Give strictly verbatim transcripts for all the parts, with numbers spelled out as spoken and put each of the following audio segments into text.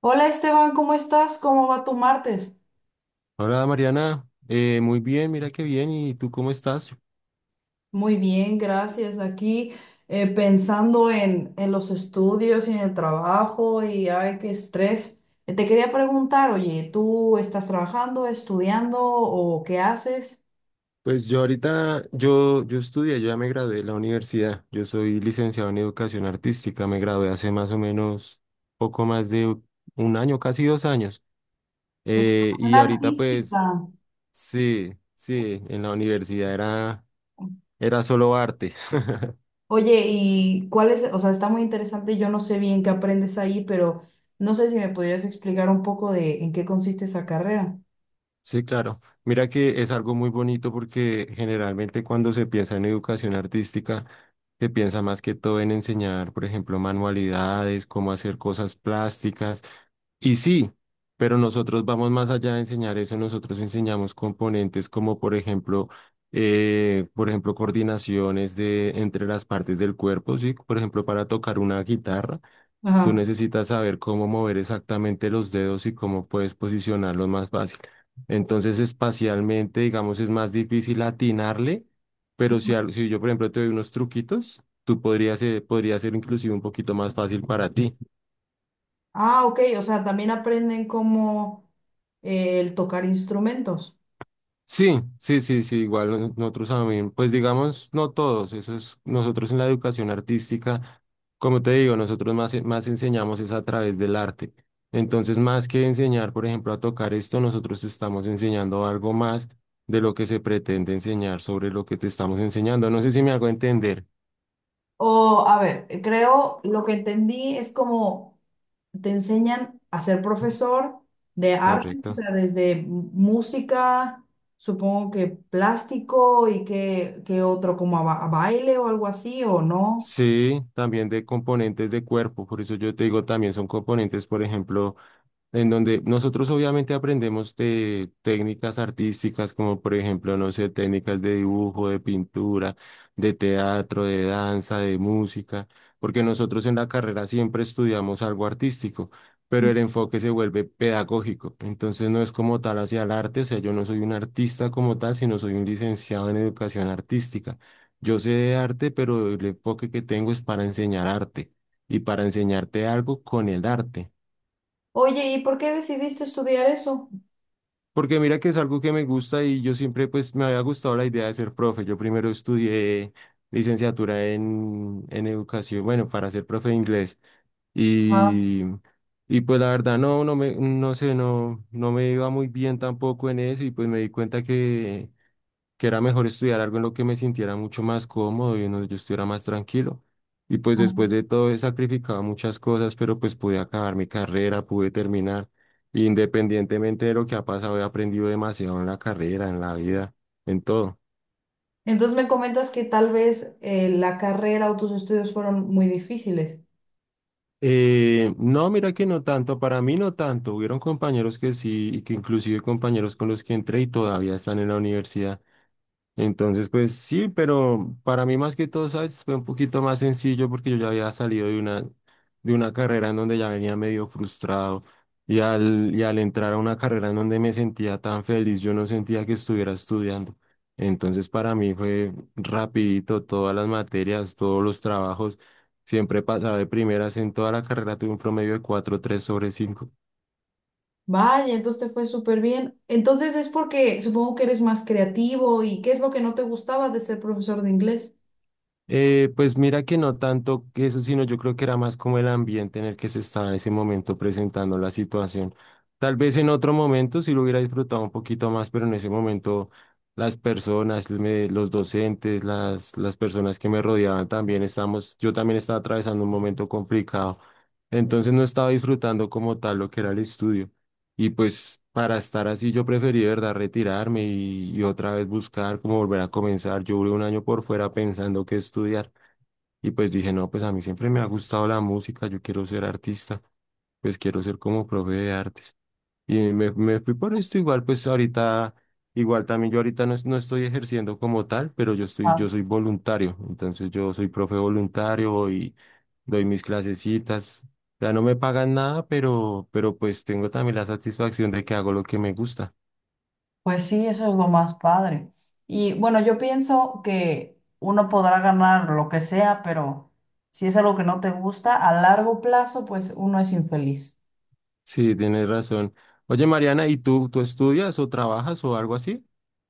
Hola Esteban, ¿cómo estás? ¿Cómo va tu martes? Hola Mariana, Eh, muy bien, mira qué bien, ¿y tú cómo estás? Muy bien, gracias. Aquí eh, pensando en, en los estudios y en el trabajo y ay, qué estrés. Eh, Te quería preguntar, oye, ¿tú estás trabajando, estudiando o qué haces? Pues yo ahorita, yo, yo estudié, yo ya me gradué de la universidad, yo soy licenciado en educación artística, me gradué hace más o menos poco más de un año, casi dos años. Eh, Educación Y ahorita artística. pues sí, sí, en la universidad era, era solo arte. Oye, ¿y cuál es? O sea, está muy interesante. Yo no sé bien qué aprendes ahí, pero no sé si me podrías explicar un poco de en qué consiste esa carrera. Sí, claro. Mira que es algo muy bonito porque generalmente cuando se piensa en educación artística, se piensa más que todo en enseñar, por ejemplo, manualidades, cómo hacer cosas plásticas. Y sí, pero nosotros vamos más allá de enseñar eso, nosotros enseñamos componentes como, por ejemplo, eh, por ejemplo, coordinaciones de entre las partes del cuerpo, sí, por ejemplo, para tocar una guitarra. Tú Ajá. necesitas saber cómo mover exactamente los dedos y cómo puedes posicionarlos más fácil. Entonces, espacialmente, digamos, es más difícil atinarle, pero si, al- si yo, por ejemplo, te doy unos truquitos, tú podrías ser, podría ser inclusive un poquito más fácil para ti. Ah, ok, o sea, también aprenden como eh, el tocar instrumentos. Sí, sí, sí, sí, igual no- nosotros también, pues digamos, no todos, eso es, nosotros en la educación artística, como te digo, nosotros más, e- más enseñamos es a través del arte. Entonces, más que enseñar, por ejemplo, a tocar esto, nosotros estamos enseñando algo más de lo que se pretende enseñar sobre lo que te estamos enseñando. No sé si me hago entender, O, a ver, creo lo que entendí es como te enseñan a ser profesor de arte, o correcto. sea, desde m- música, supongo que plástico y que, que otro como a, ba- a baile o algo así, o no. Sí, también de componentes de cuerpo, por eso yo te digo, también son componentes, por ejemplo, en donde nosotros obviamente aprendemos de técnicas artísticas, como por ejemplo, no sé, técnicas de dibujo, de pintura, de teatro, de danza, de música, porque nosotros en la carrera siempre estudiamos algo artístico, pero el enfoque se vuelve pedagógico, entonces no es como tal hacia el arte, o sea, yo no soy un artista como tal, sino soy un licenciado en educación artística. Yo sé de arte, pero el enfoque que tengo es para enseñar arte y para enseñarte algo con el arte. Oye, ¿y por qué decidiste estudiar eso? Porque mira que es algo que me gusta y yo siempre pues me había gustado la idea de ser profe. Yo primero estudié licenciatura en, en educación, bueno, para ser profe de inglés. Ah, Y, y pues la verdad no, no me, no sé, no, no me iba muy bien tampoco en eso y pues me di cuenta que que era mejor estudiar algo en lo que me sintiera mucho más cómodo y en donde yo estuviera más tranquilo. Y pues después ah. de todo he sacrificado muchas cosas, pero pues pude acabar mi carrera, pude terminar. Y, independientemente de lo que ha pasado, he aprendido demasiado en la carrera, en la vida, en todo. Entonces me comentas que tal vez eh, la carrera o tus estudios fueron muy difíciles. Eh, no, mira que no tanto, para mí no tanto. Hubieron compañeros que sí, y que inclusive compañeros con los que entré y todavía están en la universidad. Entonces, pues sí, pero para mí más que todo, ¿sabes? Fue un poquito más sencillo porque yo ya había salido de una, de una carrera en donde ya venía medio frustrado y al, y al entrar a una carrera en donde me sentía tan feliz, yo no sentía que estuviera estudiando. Entonces, para mí fue rapidito todas las materias, todos los trabajos. Siempre pasaba de primeras en toda la carrera, tuve un promedio de cuatro tres sobre cinco. Vaya, entonces te fue súper bien. Entonces es porque supongo que eres más creativo y ¿qué es lo que no te gustaba de ser profesor de inglés? Eh, pues mira que no tanto que eso, sino yo creo que era más como el ambiente en el que se estaba en ese momento presentando la situación. Tal vez en otro momento sí lo hubiera disfrutado un poquito más, pero en ese momento las personas, me- los docentes, las, las personas que me rodeaban también estábamos, yo también estaba atravesando un momento complicado. Entonces no estaba disfrutando como tal lo que era el estudio. Y pues para estar así yo preferí, de verdad, retirarme y, y otra vez buscar cómo volver a comenzar. Yo duré un año por fuera pensando qué estudiar y pues dije, no, pues a mí siempre me ha gustado la música, yo quiero ser artista, pues quiero ser como profe de artes. Y me, me fui por esto igual, pues ahorita, igual también yo ahorita no, es- no estoy ejerciendo como tal, pero yo estoy, yo soy voluntario, entonces yo soy profe voluntario y doy mis clasecitas. Ya no me pagan nada, pero, pero pues tengo también la satisfacción de que hago lo que me gusta. Pues sí, eso es lo más padre. Y bueno, yo pienso que uno podrá ganar lo que sea, pero si es algo que no te gusta, a largo plazo, pues uno es infeliz. Sí, tienes razón. Oye, Mariana, ¿y tú, tú estudias o trabajas o algo así?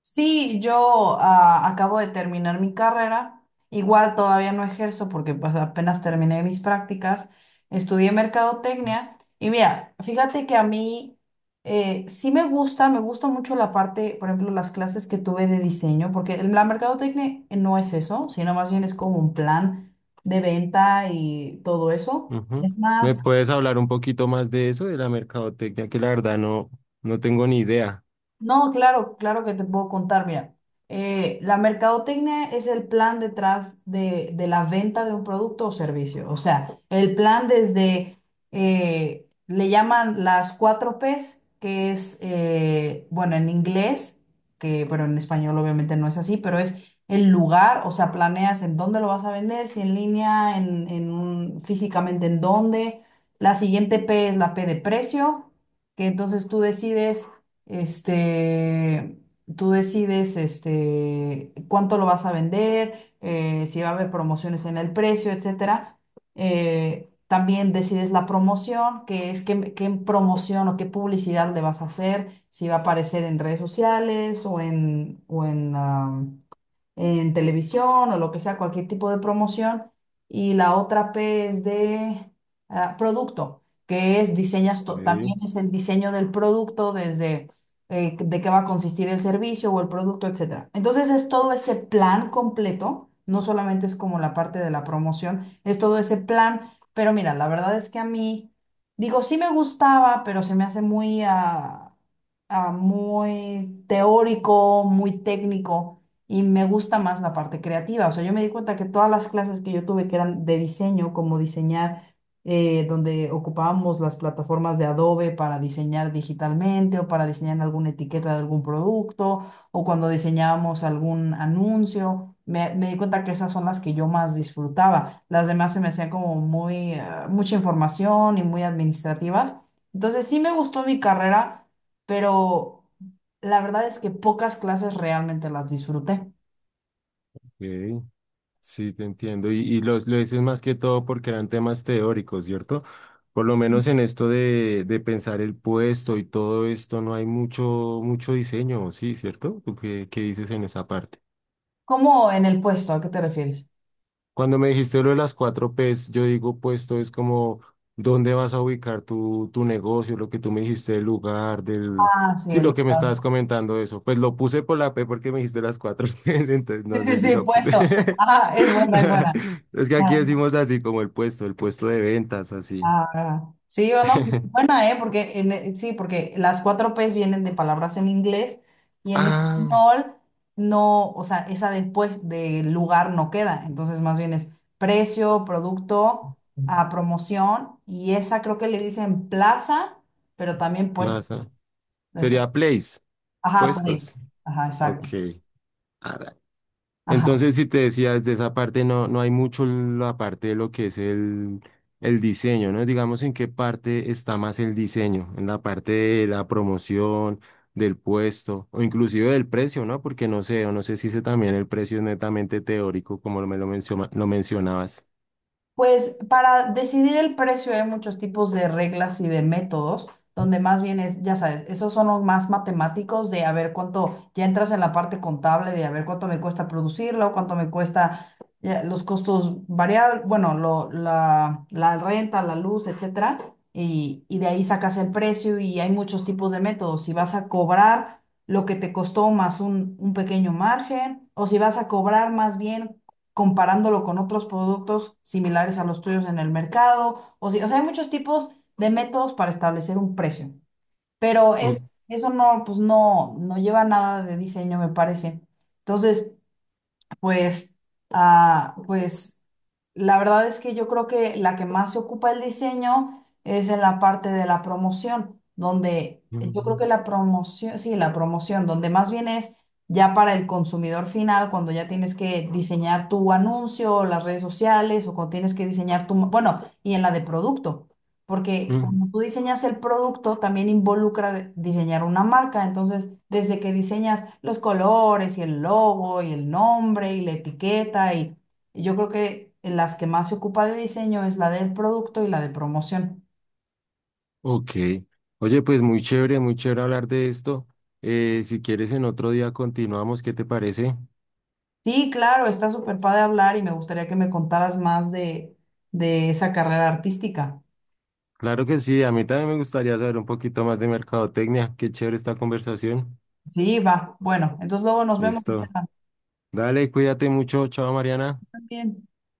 Sí, yo ah, acabo de terminar mi carrera. Igual todavía no ejerzo porque pues apenas terminé mis prácticas. Estudié mercadotecnia y mira, fíjate que a mí eh, sí me gusta, me gusta mucho la parte, por ejemplo, las clases que tuve de diseño, porque el- la mercadotecnia no es eso, sino más bien es como un plan de venta y todo eso. Ujú. Es ¿Me más. puedes hablar un poquito más de eso, de la mercadotecnia, que la verdad no, no tengo ni idea? No, claro, claro que te puedo contar. Mira, eh, la mercadotecnia es el plan detrás de, de la venta de un producto o servicio. O sea, el plan desde, eh, le llaman las cuatro pes, que es, eh, bueno, en inglés, que, pero en español obviamente no es así, pero es el lugar, o sea, planeas en dónde lo vas a vender, si en línea, en, en un- físicamente en dónde. La siguiente P es la P de precio, que entonces tú decides este, tú decides este, cuánto lo vas a vender, eh, si va a haber promociones en el precio, etcétera. Eh, también decides la promoción, que es qué, qué promoción o qué publicidad le vas a hacer, si va a aparecer en redes sociales o en, o en, en televisión o lo que sea, cualquier tipo de promoción. Y la otra P es de ah, producto, que es diseñas, to- Ok, también es el diseño del producto desde eh, de qué va a consistir el servicio o el producto, etcétera. Entonces es todo ese plan completo, no solamente es como la parte de la promoción, es todo ese plan. Pero mira, la verdad es que a mí, digo, sí me gustaba, pero se me hace muy, ah, ah, muy teórico, muy técnico. Y me gusta más la parte creativa. O sea, yo me di cuenta que todas las clases que yo tuve que eran de diseño, como diseñar, eh, donde ocupábamos las plataformas de Adobe para diseñar digitalmente o para diseñar alguna etiqueta de algún producto o cuando diseñábamos algún anuncio, me, me di cuenta que esas son las que yo más disfrutaba. Las demás se me hacían como muy, eh, mucha información y muy administrativas. Entonces sí me gustó mi carrera, pero la verdad es que pocas clases realmente las disfruté. ok. Sí, te entiendo. Y, y los, lo dices más que todo porque eran temas teóricos, ¿cierto? Por lo menos en esto de, de pensar el puesto y todo esto, no hay mucho, mucho diseño, sí, ¿cierto? ¿Tú qué, qué dices en esa parte? ¿Cómo en el puesto? ¿A qué te refieres? Cuando me dijiste lo de las cuatro P's, yo digo, pues todo es como, ¿dónde vas a ubicar tu, tu negocio? Lo que tú me dijiste del lugar, del... Ah, sí, Sí, el lo que me lugar. estabas comentando eso. Pues lo puse por la P porque me dijiste las cuatro P's, entonces Sí, no sí, sé si sí, lo puse. puesto. Ah, es buena, es buena. Es que Ah, aquí decimos así como el puesto, el puesto de ventas, así. ah, ah. Sí, o no, buena, ¿eh? Porque en- eh, sí, porque las cuatro pes vienen de palabras en inglés y en Ah, español no, o sea, esa después de lugar no queda. Entonces, más bien es precio, producto, a promoción y esa creo que le dicen plaza, pero también puesto. plaza. Está- Sería place, Ajá, puestos. pues. Ajá, Ok. exacto. Ajá. Entonces, si te decías de esa parte, no, no hay mucho la parte de lo que es el, el diseño, ¿no? Digamos, ¿en qué parte está más el diseño? En la parte de la promoción, del puesto, o inclusive del precio, ¿no? Porque no sé, o no sé si ese también el precio es netamente teórico, como lo- me lo, menciona- lo mencionabas. Pues para decidir el precio hay muchos tipos de reglas y de métodos, donde más bien es, ya sabes, esos son los más matemáticos de a ver cuánto, ya entras en la parte contable de a ver cuánto me cuesta producirlo, cuánto me cuesta ya, los costos variables, bueno, lo- la, la renta, la luz, etcétera, y, y de ahí sacas el precio y hay muchos tipos de métodos. Si vas a cobrar lo que te costó más un, un pequeño margen, o si vas a cobrar más bien comparándolo con otros productos similares a los tuyos en el mercado. O, si- o sea, hay muchos tipos de métodos para establecer un precio, pero O- es, eso no, pues no, no lleva nada de diseño, me parece. Entonces, pues, ah, pues la verdad es que yo creo que la que más se ocupa el diseño es en la parte de la promoción, donde yo creo mm, que la promoción, sí, la promoción, donde más bien es ya para el consumidor final, cuando ya tienes que diseñar tu anuncio, o las redes sociales, o cuando tienes que diseñar tu, bueno, y en la de producto. Porque mm, cuando tú diseñas el producto, también involucra de- diseñar una marca. Entonces, desde que diseñas los colores y el logo y el nombre y la etiqueta, y, y yo creo que en las que más se ocupa de diseño es la del producto y la de promoción. Ok. Oye, pues muy chévere, muy chévere hablar de esto. Eh, si quieres, en otro día continuamos, ¿qué te parece? Sí, claro, está súper padre hablar y me gustaría que me contaras más de, de esa carrera artística. Claro que sí, a mí también me gustaría saber un poquito más de mercadotecnia. Qué chévere esta conversación. Sí, va. Bueno, entonces luego nos vemos. Listo. Estefan. Dale, cuídate mucho. Chao, Mariana. También.